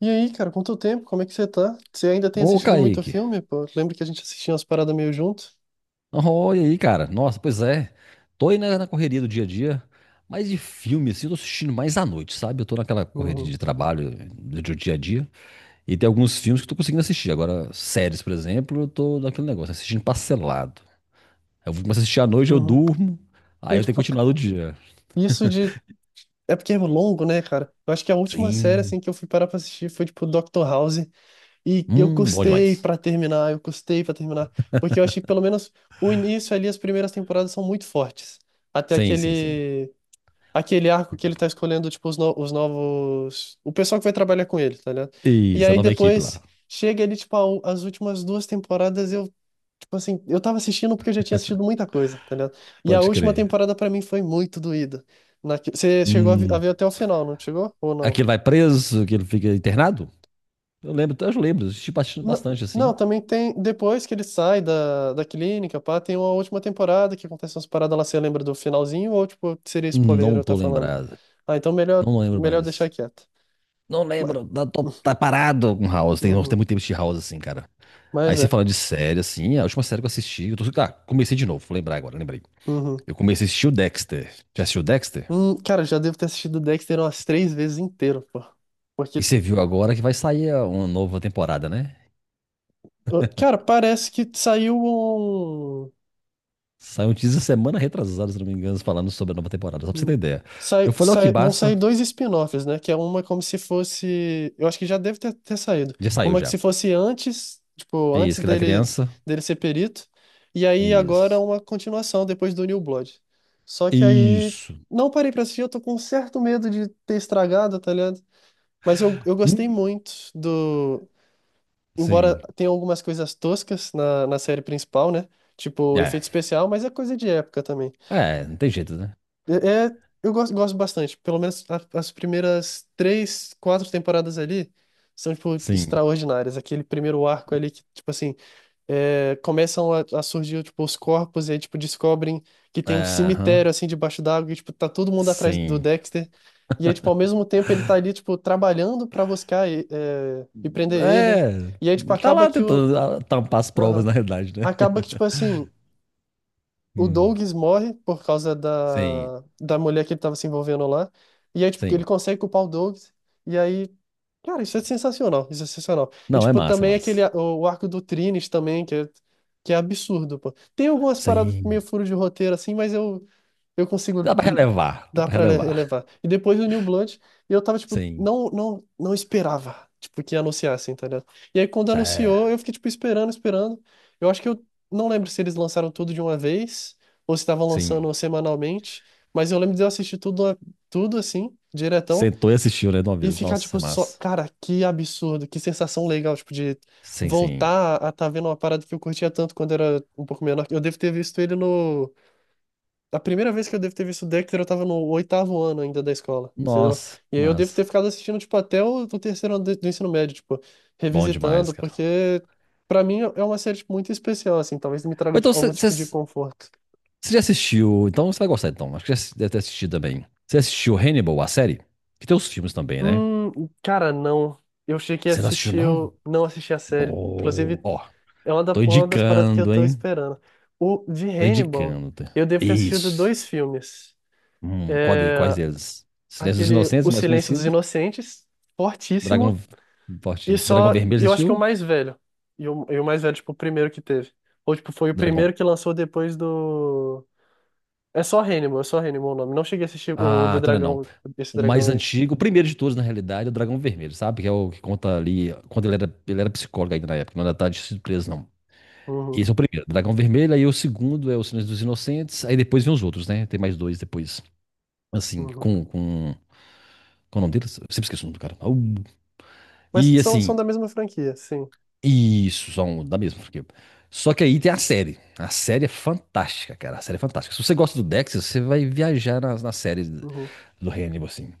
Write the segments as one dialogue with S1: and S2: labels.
S1: E aí, cara, quanto tempo? Como é que você tá? Você ainda tem
S2: Ô,
S1: assistido muito
S2: Kaique.
S1: filme, pô? Lembra que a gente assistia umas paradas meio junto?
S2: Oh, aí, cara? Nossa, pois é. Tô aí na correria do dia a dia, mas de filme, assim, eu tô assistindo mais à noite, sabe? Eu tô naquela correria
S1: Uhum,
S2: de trabalho do dia a dia. E tem alguns filmes que eu tô conseguindo assistir. Agora, séries, por exemplo, eu tô naquele negócio, assistindo parcelado. Eu vou começar a assistir à noite, eu
S1: uhum.
S2: durmo, aí
S1: E,
S2: eu tenho que
S1: tipo,
S2: continuar no dia.
S1: isso de... é porque é longo, né, cara? Eu acho que a última série,
S2: Sim.
S1: assim, que eu fui parar pra assistir foi, tipo, Doctor House. E eu
S2: Bom
S1: custei
S2: demais.
S1: pra terminar, eu custei pra terminar. Porque eu achei que, pelo menos, o início ali, as primeiras temporadas são muito fortes. Até
S2: Sim, sim, sim.
S1: aquele... Aquele arco que ele tá escolhendo, tipo, os, no- os novos. O pessoal que vai trabalhar com ele, tá ligado? E
S2: Isso, a
S1: aí
S2: nova equipe
S1: depois
S2: lá.
S1: chega ele, tipo, as últimas duas temporadas, eu, tipo assim, eu tava assistindo porque eu já tinha assistido muita coisa, tá ligado? E a
S2: Pode
S1: última
S2: crer.
S1: temporada pra mim foi muito doída. Você chegou a a
S2: Hum.
S1: ver até o final, não chegou? Ou não?
S2: Aquele vai preso, aquele fica internado? Eu lembro, eu assisti bastante,
S1: Não,
S2: bastante,
S1: não,
S2: assim.
S1: também tem. Depois que ele sai da clínica, pá, tem uma última temporada que acontece umas paradas lá. Você lembra do finalzinho? Ou, tipo, seria spoiler
S2: Não
S1: eu tá
S2: tô
S1: falando?
S2: lembrado.
S1: Ah, então melhor,
S2: Não lembro
S1: melhor deixar
S2: mais.
S1: quieto.
S2: Não lembro, tá, tá parado com House. Tem
S1: Uhum.
S2: muito tempo de House, assim, cara. Aí
S1: Mas
S2: você
S1: é.
S2: fala de série, assim, a última série que eu assisti. Eu tô, tá, comecei de novo, vou lembrar agora, lembrei.
S1: Uhum.
S2: Eu comecei a assistir o Dexter. Já assistiu o Dexter?
S1: Cara, já devo ter assistido Dexter umas três vezes inteiro, pô. Porque,
S2: E você viu agora que vai sair uma nova temporada, né?
S1: cara, parece que saiu um.
S2: Saiu um teaser semana retrasada, se não me engano, falando sobre a nova temporada, só pra você ter
S1: um-
S2: ideia.
S1: Sai,
S2: Eu falei, ó, que
S1: vão sair
S2: massa.
S1: dois spin-offs, né? Que é uma como se fosse. Eu acho que já deve ter, ter saído.
S2: Já saiu
S1: Uma que
S2: já.
S1: se fosse antes, tipo, antes
S2: Isso, que da
S1: dele,
S2: criança.
S1: dele ser perito. E aí agora
S2: Isso.
S1: uma continuação depois do New Blood. Só que aí.
S2: Isso.
S1: Não parei pra assistir, eu tô com um certo medo de ter estragado, tá ligado? Mas eu gostei
S2: Hum.
S1: muito do. Embora
S2: Sim.
S1: tenha algumas coisas toscas na série principal, né? Tipo,
S2: É,
S1: efeito especial, mas é coisa de época também.
S2: é, não tem jeito, né?
S1: É, eu gosto, gosto bastante. Pelo menos as primeiras três, quatro temporadas ali são, tipo,
S2: Sim.
S1: extraordinárias. Aquele primeiro arco ali que, tipo assim é, começam a surgir, tipo, os corpos e aí, tipo, descobrem que tem um
S2: É, aham.
S1: cemitério, assim, debaixo d'água e, tipo, tá todo mundo atrás do
S2: Sim.
S1: Dexter. E aí, tipo, ao mesmo tempo ele tá ali, tipo, trabalhando pra buscar e, é, e prender ele.
S2: É,
S1: E aí, tipo,
S2: ele tá lá tentando tampar as provas,
S1: Aham.
S2: na realidade, né?
S1: Acaba que, tipo, assim, o
S2: Hum,
S1: Douglas morre por causa
S2: sim,
S1: da mulher que ele tava se envolvendo lá. E aí, tipo, ele
S2: sim.
S1: consegue culpar o Douglas. E aí, cara, isso é sensacional, isso é sensacional. E,
S2: Não, é
S1: tipo,
S2: massa, é
S1: também aquele,
S2: massa.
S1: o arco do Trines também, que é absurdo, pô. Tem algumas paradas meio
S2: Sim.
S1: furo de roteiro, assim, mas eu consigo
S2: Dá pra relevar, dá
S1: dar
S2: pra
S1: pra
S2: relevar.
S1: elevar. E depois do New Blood, eu tava, tipo,
S2: Sim.
S1: não, não, não esperava, tipo, que anunciassem, tá ligado? E aí, quando anunciou, eu
S2: É,
S1: fiquei, tipo, esperando, esperando. Eu acho que eu não lembro se eles lançaram tudo de uma vez, ou se estavam lançando
S2: sim.
S1: semanalmente, mas eu lembro de eu assistir tudo, tudo assim, diretão.
S2: Sentou e assistiu, né, de uma
S1: E
S2: vez.
S1: ficar,
S2: Nossa,
S1: tipo,
S2: é
S1: só.
S2: massa.
S1: Cara, que absurdo, que sensação legal, tipo, de
S2: Sim, sim.
S1: voltar a tá vendo uma parada que eu curtia tanto quando era um pouco menor. Eu devo ter visto ele no. A primeira vez que eu devo ter visto o Dexter, eu tava no 8º ano ainda da escola, entendeu?
S2: Nossa,
S1: E aí eu devo
S2: mas
S1: ter ficado assistindo, tipo, até o terceiro ano do ensino médio, tipo,
S2: bom
S1: revisitando,
S2: demais, cara.
S1: porque pra mim é uma série, tipo, muito especial, assim, talvez me
S2: Ou
S1: traga
S2: então,
S1: algum tipo de
S2: vocês.
S1: conforto.
S2: Você já assistiu? Então você vai gostar, então. Acho que já deve ter assistido também. Você assistiu Hannibal, a série? Que tem os filmes também, né?
S1: Hum, cara, não. Eu cheguei a
S2: Você não assistiu,
S1: assistir,
S2: não?
S1: eu não assisti a série.
S2: Ó,
S1: Inclusive.
S2: ó,
S1: É uma,
S2: tô
S1: uma das paradas que eu
S2: indicando,
S1: tô
S2: hein?
S1: esperando. O de
S2: Tô
S1: Hannibal,
S2: indicando,
S1: eu
S2: tá?
S1: devo ter assistido
S2: Isso.
S1: dois filmes.
S2: Quais
S1: É,
S2: deles? Silêncio dos
S1: aquele O
S2: Inocentes, mais
S1: Silêncio dos
S2: conhecido.
S1: Inocentes,
S2: Dragão.
S1: fortíssimo,
S2: Forte.
S1: e
S2: Dragão
S1: só,
S2: Vermelho, você
S1: eu acho que é o
S2: assistiu?
S1: mais velho. E o mais velho, tipo, o primeiro que teve. Ou, tipo, foi o
S2: Dragão.
S1: primeiro que lançou depois do... é só Hannibal o nome. Não cheguei a assistir o
S2: Ah,
S1: do
S2: então não é não.
S1: dragão, esse
S2: O
S1: dragão
S2: mais
S1: aí.
S2: antigo, o primeiro de todos, na realidade, é o Dragão Vermelho, sabe? Que é o que conta ali, quando ele era psicólogo ainda na época, não era tarde de surpresa, não.
S1: Uhum,
S2: Esse é o primeiro, Dragão Vermelho, aí o segundo é O Silêncio dos Inocentes, aí depois vem os outros, né? Tem mais dois depois, assim,
S1: uhum.
S2: com o nome deles, eu sempre esqueço o nome do cara.
S1: Mas
S2: E
S1: são,
S2: assim,
S1: são da mesma franquia, sim.
S2: isso, são da mesma porque. Só que aí tem a série é fantástica, cara, a série é fantástica. Se você gosta do Dexter, você vai viajar na série
S1: Uhum,
S2: do Hannibal, assim.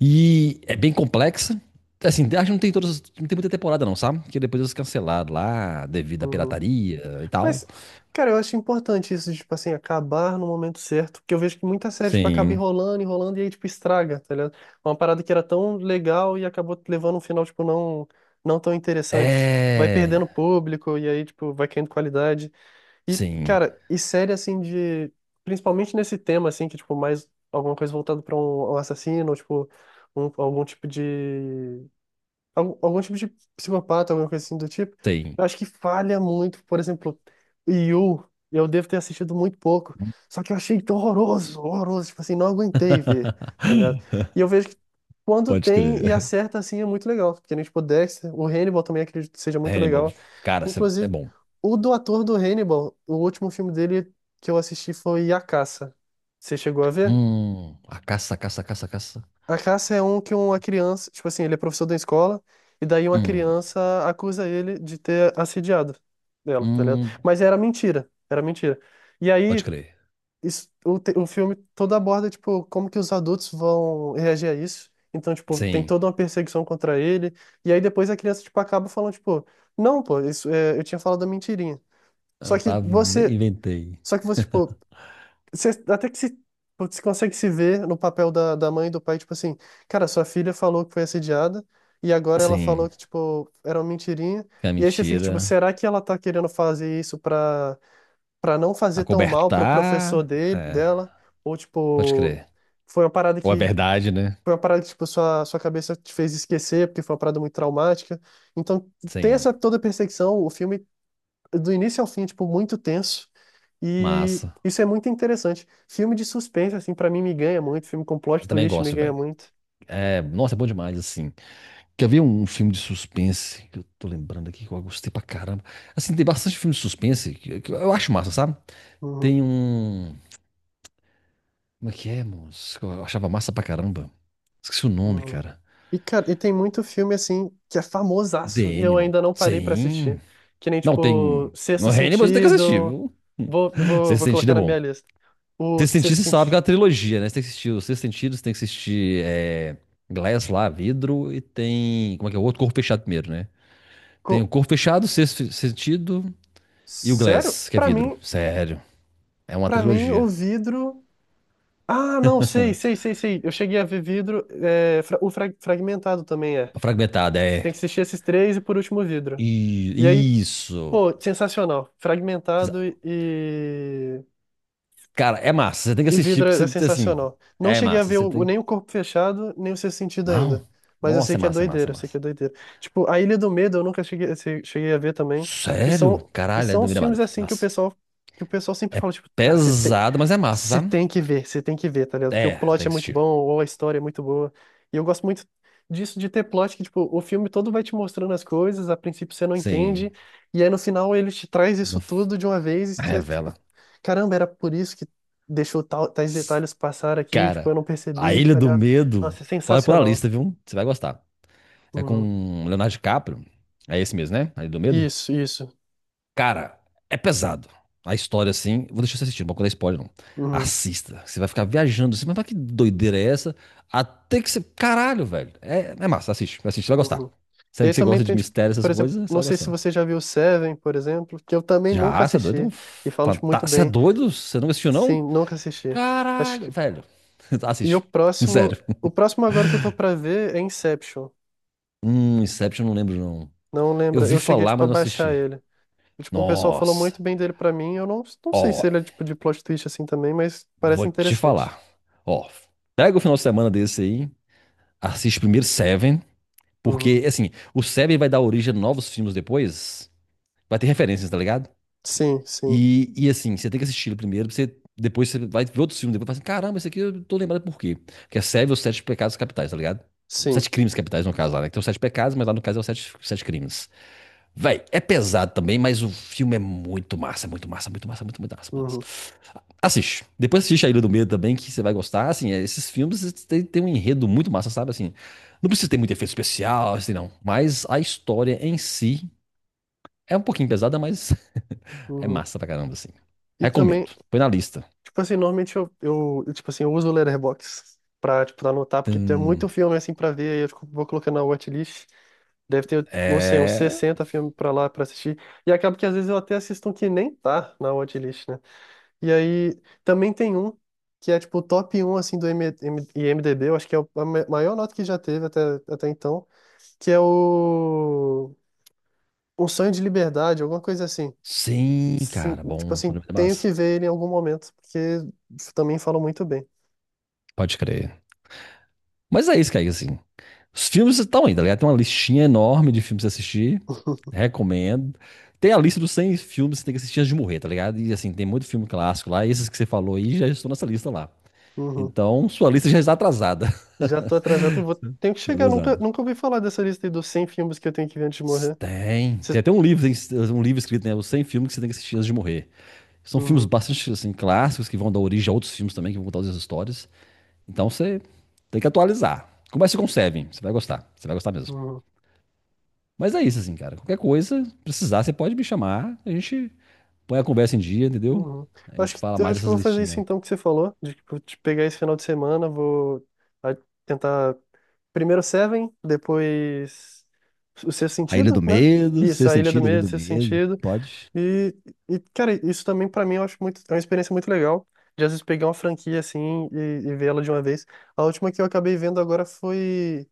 S2: E é bem complexa, assim, acho que não tem todas, não tem muita temporada não, sabe? Porque depois eles cancelaram lá, devido à
S1: uhum.
S2: pirataria e tal.
S1: Mas, cara, eu acho importante isso, de, tipo assim, acabar no momento certo, porque eu vejo que muita série, tipo, acaba
S2: Sim,
S1: enrolando, enrolando e aí, tipo, estraga, tá ligado? Uma parada que era tão legal e acabou levando um final, tipo, não, não tão interessante. Vai
S2: é.
S1: perdendo público e aí, tipo, vai caindo qualidade. E,
S2: Sim.
S1: cara, e série, assim, de... Principalmente nesse tema, assim, que, tipo, mais alguma coisa voltada pra um, um assassino, ou, tipo, algum tipo de algum, algum tipo de psicopata, alguma coisa assim do tipo.
S2: Tem.
S1: Eu acho que falha muito, por exemplo, Yu, eu devo ter assistido muito pouco, só que eu achei tão horroroso, horroroso, tipo assim, não aguentei ver, tá ligado? E eu vejo que quando
S2: Pode
S1: tem e
S2: crer.
S1: acerta, assim, é muito legal, porque, nem tipo, Dexter, o Hannibal também acredito que seja muito
S2: Hannibal.
S1: legal,
S2: Cara, cê- é
S1: inclusive,
S2: bom.
S1: o do ator do Hannibal, o último filme dele que eu assisti foi A Caça, você chegou a ver?
S2: A caça, caça, caça, caça.
S1: A caça é um que uma criança, tipo assim, ele é professor da escola, e daí uma
S2: Hum,
S1: criança acusa ele de ter assediado ela, tá ligado?
S2: hum.
S1: Mas era mentira, era mentira. E
S2: Pode
S1: aí,
S2: crer.
S1: isso, o filme todo aborda, tipo, como que os adultos vão reagir a isso. Então, tipo, tem
S2: Sim.
S1: toda uma perseguição contra ele, e aí depois a criança, tipo, acaba falando, tipo, não, pô, isso, é, eu tinha falado a mentirinha.
S2: Ah,
S1: Só que
S2: tá,
S1: você,
S2: inventei.
S1: só que você, tipo, você, até que se, putz, você consegue se ver no papel da mãe e do pai, tipo assim, cara, sua filha falou que foi assediada e agora ela falou
S2: Sim.
S1: que, tipo, era uma mentirinha.
S2: Que é
S1: E aí você fica, tipo,
S2: mentira.
S1: será que ela tá querendo fazer isso pra, pra não fazer tão mal pro professor
S2: Acobertar.
S1: dele,
S2: É,
S1: dela? Ou,
S2: pode
S1: tipo,
S2: crer.
S1: foi uma parada
S2: Ou é
S1: que,
S2: verdade, né?
S1: foi uma parada que, tipo, sua, sua cabeça te fez esquecer porque foi uma parada muito traumática. Então, tem
S2: Sim.
S1: essa toda perseguição, o filme do início ao fim, tipo, muito tenso. E
S2: Massa.
S1: isso é muito interessante. Filme de suspense, assim, pra mim me ganha muito. Filme com plot
S2: Eu também
S1: twist me
S2: gosto,
S1: ganha
S2: velho.
S1: muito.
S2: É, nossa, é bom demais, assim. Quer ver um filme de suspense que eu tô lembrando aqui que eu gostei pra caramba? Assim, tem bastante filme de suspense que eu acho massa, sabe?
S1: Uhum,
S2: Tem um. Como é que é, moço? Eu achava massa pra caramba. Esqueci o nome,
S1: uhum.
S2: cara.
S1: E, cara, e tem muito filme, assim, que é famosaço
S2: The
S1: e eu
S2: Animal.
S1: ainda não parei pra assistir.
S2: Sim.
S1: Que nem,
S2: Não,
S1: tipo,
S2: tem.
S1: Sexto
S2: No Hannibal você tem que assistir,
S1: Sentido.
S2: viu?
S1: Vou, vou,
S2: Sexto
S1: vou
S2: Sentido
S1: colocar
S2: é
S1: na
S2: bom.
S1: minha lista. O
S2: Sexto
S1: Sexto
S2: Sentido você sabe que é uma
S1: Sentido.
S2: trilogia, né? Você tem que assistir o Sexto Sentido, você tem que assistir é, Glass lá, Vidro, e tem. Como é que é? O outro Corpo Fechado primeiro, né? Tem o
S1: Co-
S2: Corpo Fechado, Sexto Sentido e o
S1: Sério?
S2: Glass, que é vidro. Sério. É uma
S1: Pra mim, o
S2: trilogia.
S1: vidro. Ah, não, sei, sei, sei, sei. Eu cheguei a ver vidro. É, o fragmentado também é.
S2: Fragmentada,
S1: Você
S2: é.
S1: tem que assistir esses três e por último o vidro. E aí,
S2: E, isso.
S1: pô, sensacional. Fragmentado
S2: Cara, é massa. Você tem que
S1: e
S2: assistir,
S1: vidro
S2: porque
S1: é é
S2: você, assim,
S1: sensacional. Não
S2: é
S1: cheguei a
S2: massa.
S1: ver
S2: Você tem.
S1: nem o Corpo Fechado, nem o Sexto Sentido
S2: Não.
S1: ainda. Mas eu sei
S2: Nossa, é
S1: que é
S2: massa, é massa,
S1: doideira,
S2: é
S1: eu sei que é
S2: massa.
S1: doideira. Tipo, A Ilha do Medo eu nunca cheguei, cheguei a ver também. E
S2: Sério?
S1: são, e
S2: Caralho, é
S1: são
S2: do
S1: os
S2: Mirabada.
S1: filmes assim
S2: Massa.
S1: que o pessoal sempre
S2: É
S1: fala, tipo, cara,
S2: pesado, mas é massa,
S1: você
S2: sabe?
S1: tem que ver, você tem que ver, tá ligado? Porque o
S2: É,
S1: plot
S2: tem
S1: é
S2: que
S1: muito bom,
S2: assistir.
S1: ou a história é muito boa. E eu gosto muito disso, de ter plot que, tipo, o filme todo vai te mostrando as coisas, a princípio você não entende,
S2: Sim.
S1: e aí no final ele te traz
S2: Uma
S1: isso
S2: f-.
S1: tudo de uma vez, e você, tipo,
S2: Revela.
S1: caramba, era por isso que deixou tal, tais
S2: S-.
S1: detalhes passar aqui, tipo,
S2: Cara,
S1: eu não
S2: A
S1: percebi,
S2: Ilha
S1: tá
S2: do
S1: ligado?
S2: Medo.
S1: Nossa, é
S2: Pode pôr a
S1: sensacional.
S2: lista, viu? Você vai gostar. É
S1: Uhum.
S2: com Leonardo DiCaprio. É esse mesmo, né? A Ilha do Medo?
S1: Isso, isso.
S2: Cara, é pesado. A história, assim. Vou deixar você assistir, não vou contar spoiler, não.
S1: Uhum,
S2: Assista. Você vai ficar viajando assim, mas pra que doideira é essa? Até que você. Caralho, velho. É, é massa, assiste, assiste, você vai gostar.
S1: uhum.
S2: Se
S1: E
S2: é
S1: aí
S2: que você
S1: também
S2: gosta de
S1: tem, tipo,
S2: mistério,
S1: por
S2: essas
S1: exemplo,
S2: coisas, você
S1: não
S2: vai
S1: sei se
S2: gostar.
S1: você já viu Seven, por exemplo, que eu também nunca
S2: Já, você é doido? É um
S1: assisti, e falam, tipo,
S2: fanta-.
S1: muito
S2: Você é
S1: bem.
S2: doido? Você nunca assistiu,
S1: Sim,
S2: não?
S1: nunca assisti. Acho
S2: Caralho,
S1: que...
S2: velho.
S1: E
S2: Assiste. Sério.
S1: o próximo agora que eu tô pra ver é Inception.
S2: Inception eu não lembro, não.
S1: Não
S2: Eu
S1: lembra,
S2: vi
S1: eu cheguei,
S2: falar,
S1: tipo, a
S2: mas não
S1: baixar
S2: assisti.
S1: ele. E, tipo, um pessoal falou
S2: Nossa.
S1: muito bem dele pra mim, eu não, não sei se
S2: Ó,
S1: ele é, tipo, de plot twist assim também, mas parece
S2: vou te
S1: interessante.
S2: falar. Ó, pega o final de semana desse aí. Assiste primeiro Seven,
S1: Uhum.
S2: porque, assim, o Seven vai dar origem a novos filmes depois. Vai ter referências, tá ligado?
S1: Sim, sim.
S2: E assim, você tem que assistir ele primeiro, pra você, depois você vai ver outros filmes, depois fala assim, caramba, esse aqui eu tô lembrado por quê. Que é Seven, os Sete Pecados Capitais, tá ligado?
S1: Sim.
S2: Sete crimes capitais, no caso lá, né? Que tem os sete pecados, mas lá no caso é os sete, sete crimes. Véi, é pesado também, mas o filme é muito massa, muito massa, muito massa, muito massa.
S1: Uhum,
S2: Assiste. Depois assiste A Ilha do Medo também, que você vai gostar. Assim, é, esses filmes têm um enredo muito massa, sabe? Assim, não precisa ter muito efeito especial, assim, não. Mas a história em si é um pouquinho pesada, mas é
S1: uhum.
S2: massa pra caramba, assim.
S1: E também,
S2: Recomendo. Põe na lista.
S1: tipo assim, normalmente eu, tipo assim, eu uso o Letterboxd pra, tipo, anotar, porque tem muito
S2: Tum.
S1: filme, assim, pra ver, aí eu vou colocando na watchlist. Deve ter, não sei, uns
S2: É.
S1: 60 filmes pra lá, pra assistir. E acaba que às vezes eu até assisto um que nem tá na watchlist, né? E aí, também tem um que é, tipo, o top um assim, do M M IMDb, eu acho que é maior nota que já teve até, até então, que é o... Um Sonho de Liberdade, alguma coisa assim.
S2: Sim,
S1: Sim,
S2: cara.
S1: tipo
S2: Bom,
S1: assim, tenho
S2: massa.
S1: que ver ele em algum momento, porque também falam muito bem.
S2: Pode crer. Mas é isso, Kaique, assim. Os filmes estão aí, tá ligado? Tem uma listinha enorme de filmes pra você assistir. Recomendo. Tem a lista dos 100 filmes que você tem que assistir antes de morrer, tá ligado? E assim, tem muito filme clássico lá. E esses que você falou aí já estão nessa lista lá.
S1: Uhum.
S2: Então, sua lista já está atrasada.
S1: Já tô atrasado e vou... tenho que chegar. Nunca,
S2: Atrasada.
S1: nunca ouvi falar dessa lista aí dos 100 filmes que eu tenho que ver antes de morrer.
S2: Tem. Tem
S1: Cê-
S2: até um livro, tem um livro escrito, né? Os 100 filmes que você tem que assistir antes de morrer. São filmes
S1: Uhum,
S2: bastante, assim, clássicos que vão dar origem a outros filmes também, que vão contar outras histórias. Então, você tem que atualizar. Comece com Seven. Você vai gostar. Você vai gostar mesmo.
S1: uhum,
S2: Mas é isso, assim, cara. Qualquer coisa, precisar, você pode me chamar. A gente põe a conversa em dia, entendeu?
S1: uhum.
S2: A
S1: Eu acho
S2: gente
S1: que,
S2: fala
S1: eu
S2: mais
S1: acho que eu
S2: dessas
S1: vou fazer isso
S2: listinhas.
S1: então que você falou, de, tipo, de pegar esse final de semana, vou a- tentar primeiro Seven, depois o Sexto
S2: A Ilha
S1: Sentido,
S2: do
S1: né?
S2: Medo,
S1: Isso,
S2: Sexto
S1: A Ilha do
S2: Sentido, a Ilha
S1: Medo,
S2: do
S1: Sexto
S2: Medo.
S1: Sentido.
S2: Pode?
S1: E, e, cara, isso também pra mim eu acho muito, é uma experiência muito legal. De às vezes pegar uma franquia assim e ver ela de uma vez. A última que eu acabei vendo agora foi.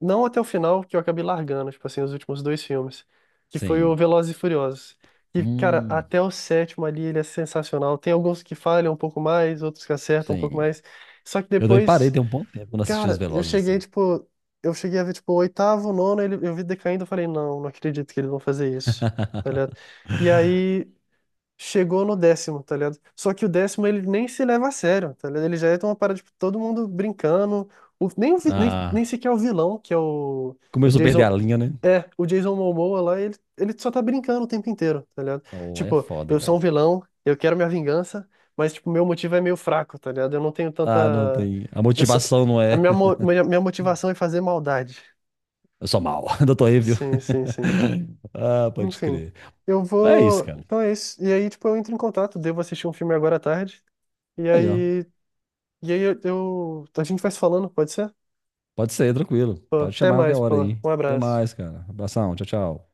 S1: Não até o final, que eu acabei largando, tipo assim, os últimos dois filmes. Que foi o
S2: Sim.
S1: Velozes e Furiosos. E, cara,
S2: Hum,
S1: até o sétimo ali ele é sensacional. Tem alguns que falham um pouco mais, outros que acertam um pouco
S2: sim.
S1: mais. Só que
S2: Eu também parei
S1: depois,
S2: tem um bom tempo quando assisti Os
S1: cara, eu
S2: Velozes,
S1: cheguei,
S2: assim.
S1: tipo. Eu cheguei a ver, tipo, o oitavo, o nono, ele, eu vi decaindo, eu falei, não, não acredito que eles vão fazer isso. Tá ligado? E aí chegou no décimo, tá ligado? Só que o décimo ele nem se leva a sério, tá ligado? Ele já é uma parada, tipo, todo mundo brincando. Nem
S2: Ah,
S1: sequer é o vilão, que é o
S2: começou a perder a
S1: Jason.
S2: linha, né?
S1: É, o Jason Momoa lá, ele só tá brincando o tempo inteiro, tá ligado?
S2: Oh, é
S1: Tipo,
S2: foda,
S1: eu sou
S2: velho.
S1: um vilão, eu quero minha vingança, mas, tipo, meu motivo é meio fraco, tá ligado? Eu não tenho
S2: Ah, não
S1: tanta.
S2: tem. A
S1: Eu só...
S2: motivação não
S1: A
S2: é.
S1: minha, minha motivação é fazer maldade.
S2: Eu sou mal, doutor Evil.
S1: Sim, sim, sim.
S2: Ah, pode
S1: Enfim,
S2: crer.
S1: eu
S2: Mas é isso,
S1: vou.
S2: cara.
S1: Então é isso. E aí, tipo, eu entro em contato, devo assistir um filme agora à tarde. E
S2: Aí, ó.
S1: aí, e aí eu... A gente vai se falando, pode ser?
S2: Pode ser, tranquilo.
S1: Pô,
S2: Pode
S1: até
S2: chamar a qualquer
S1: mais,
S2: hora
S1: pô.
S2: aí.
S1: Um
S2: Até
S1: abraço.
S2: mais, cara. Abração, tchau, tchau.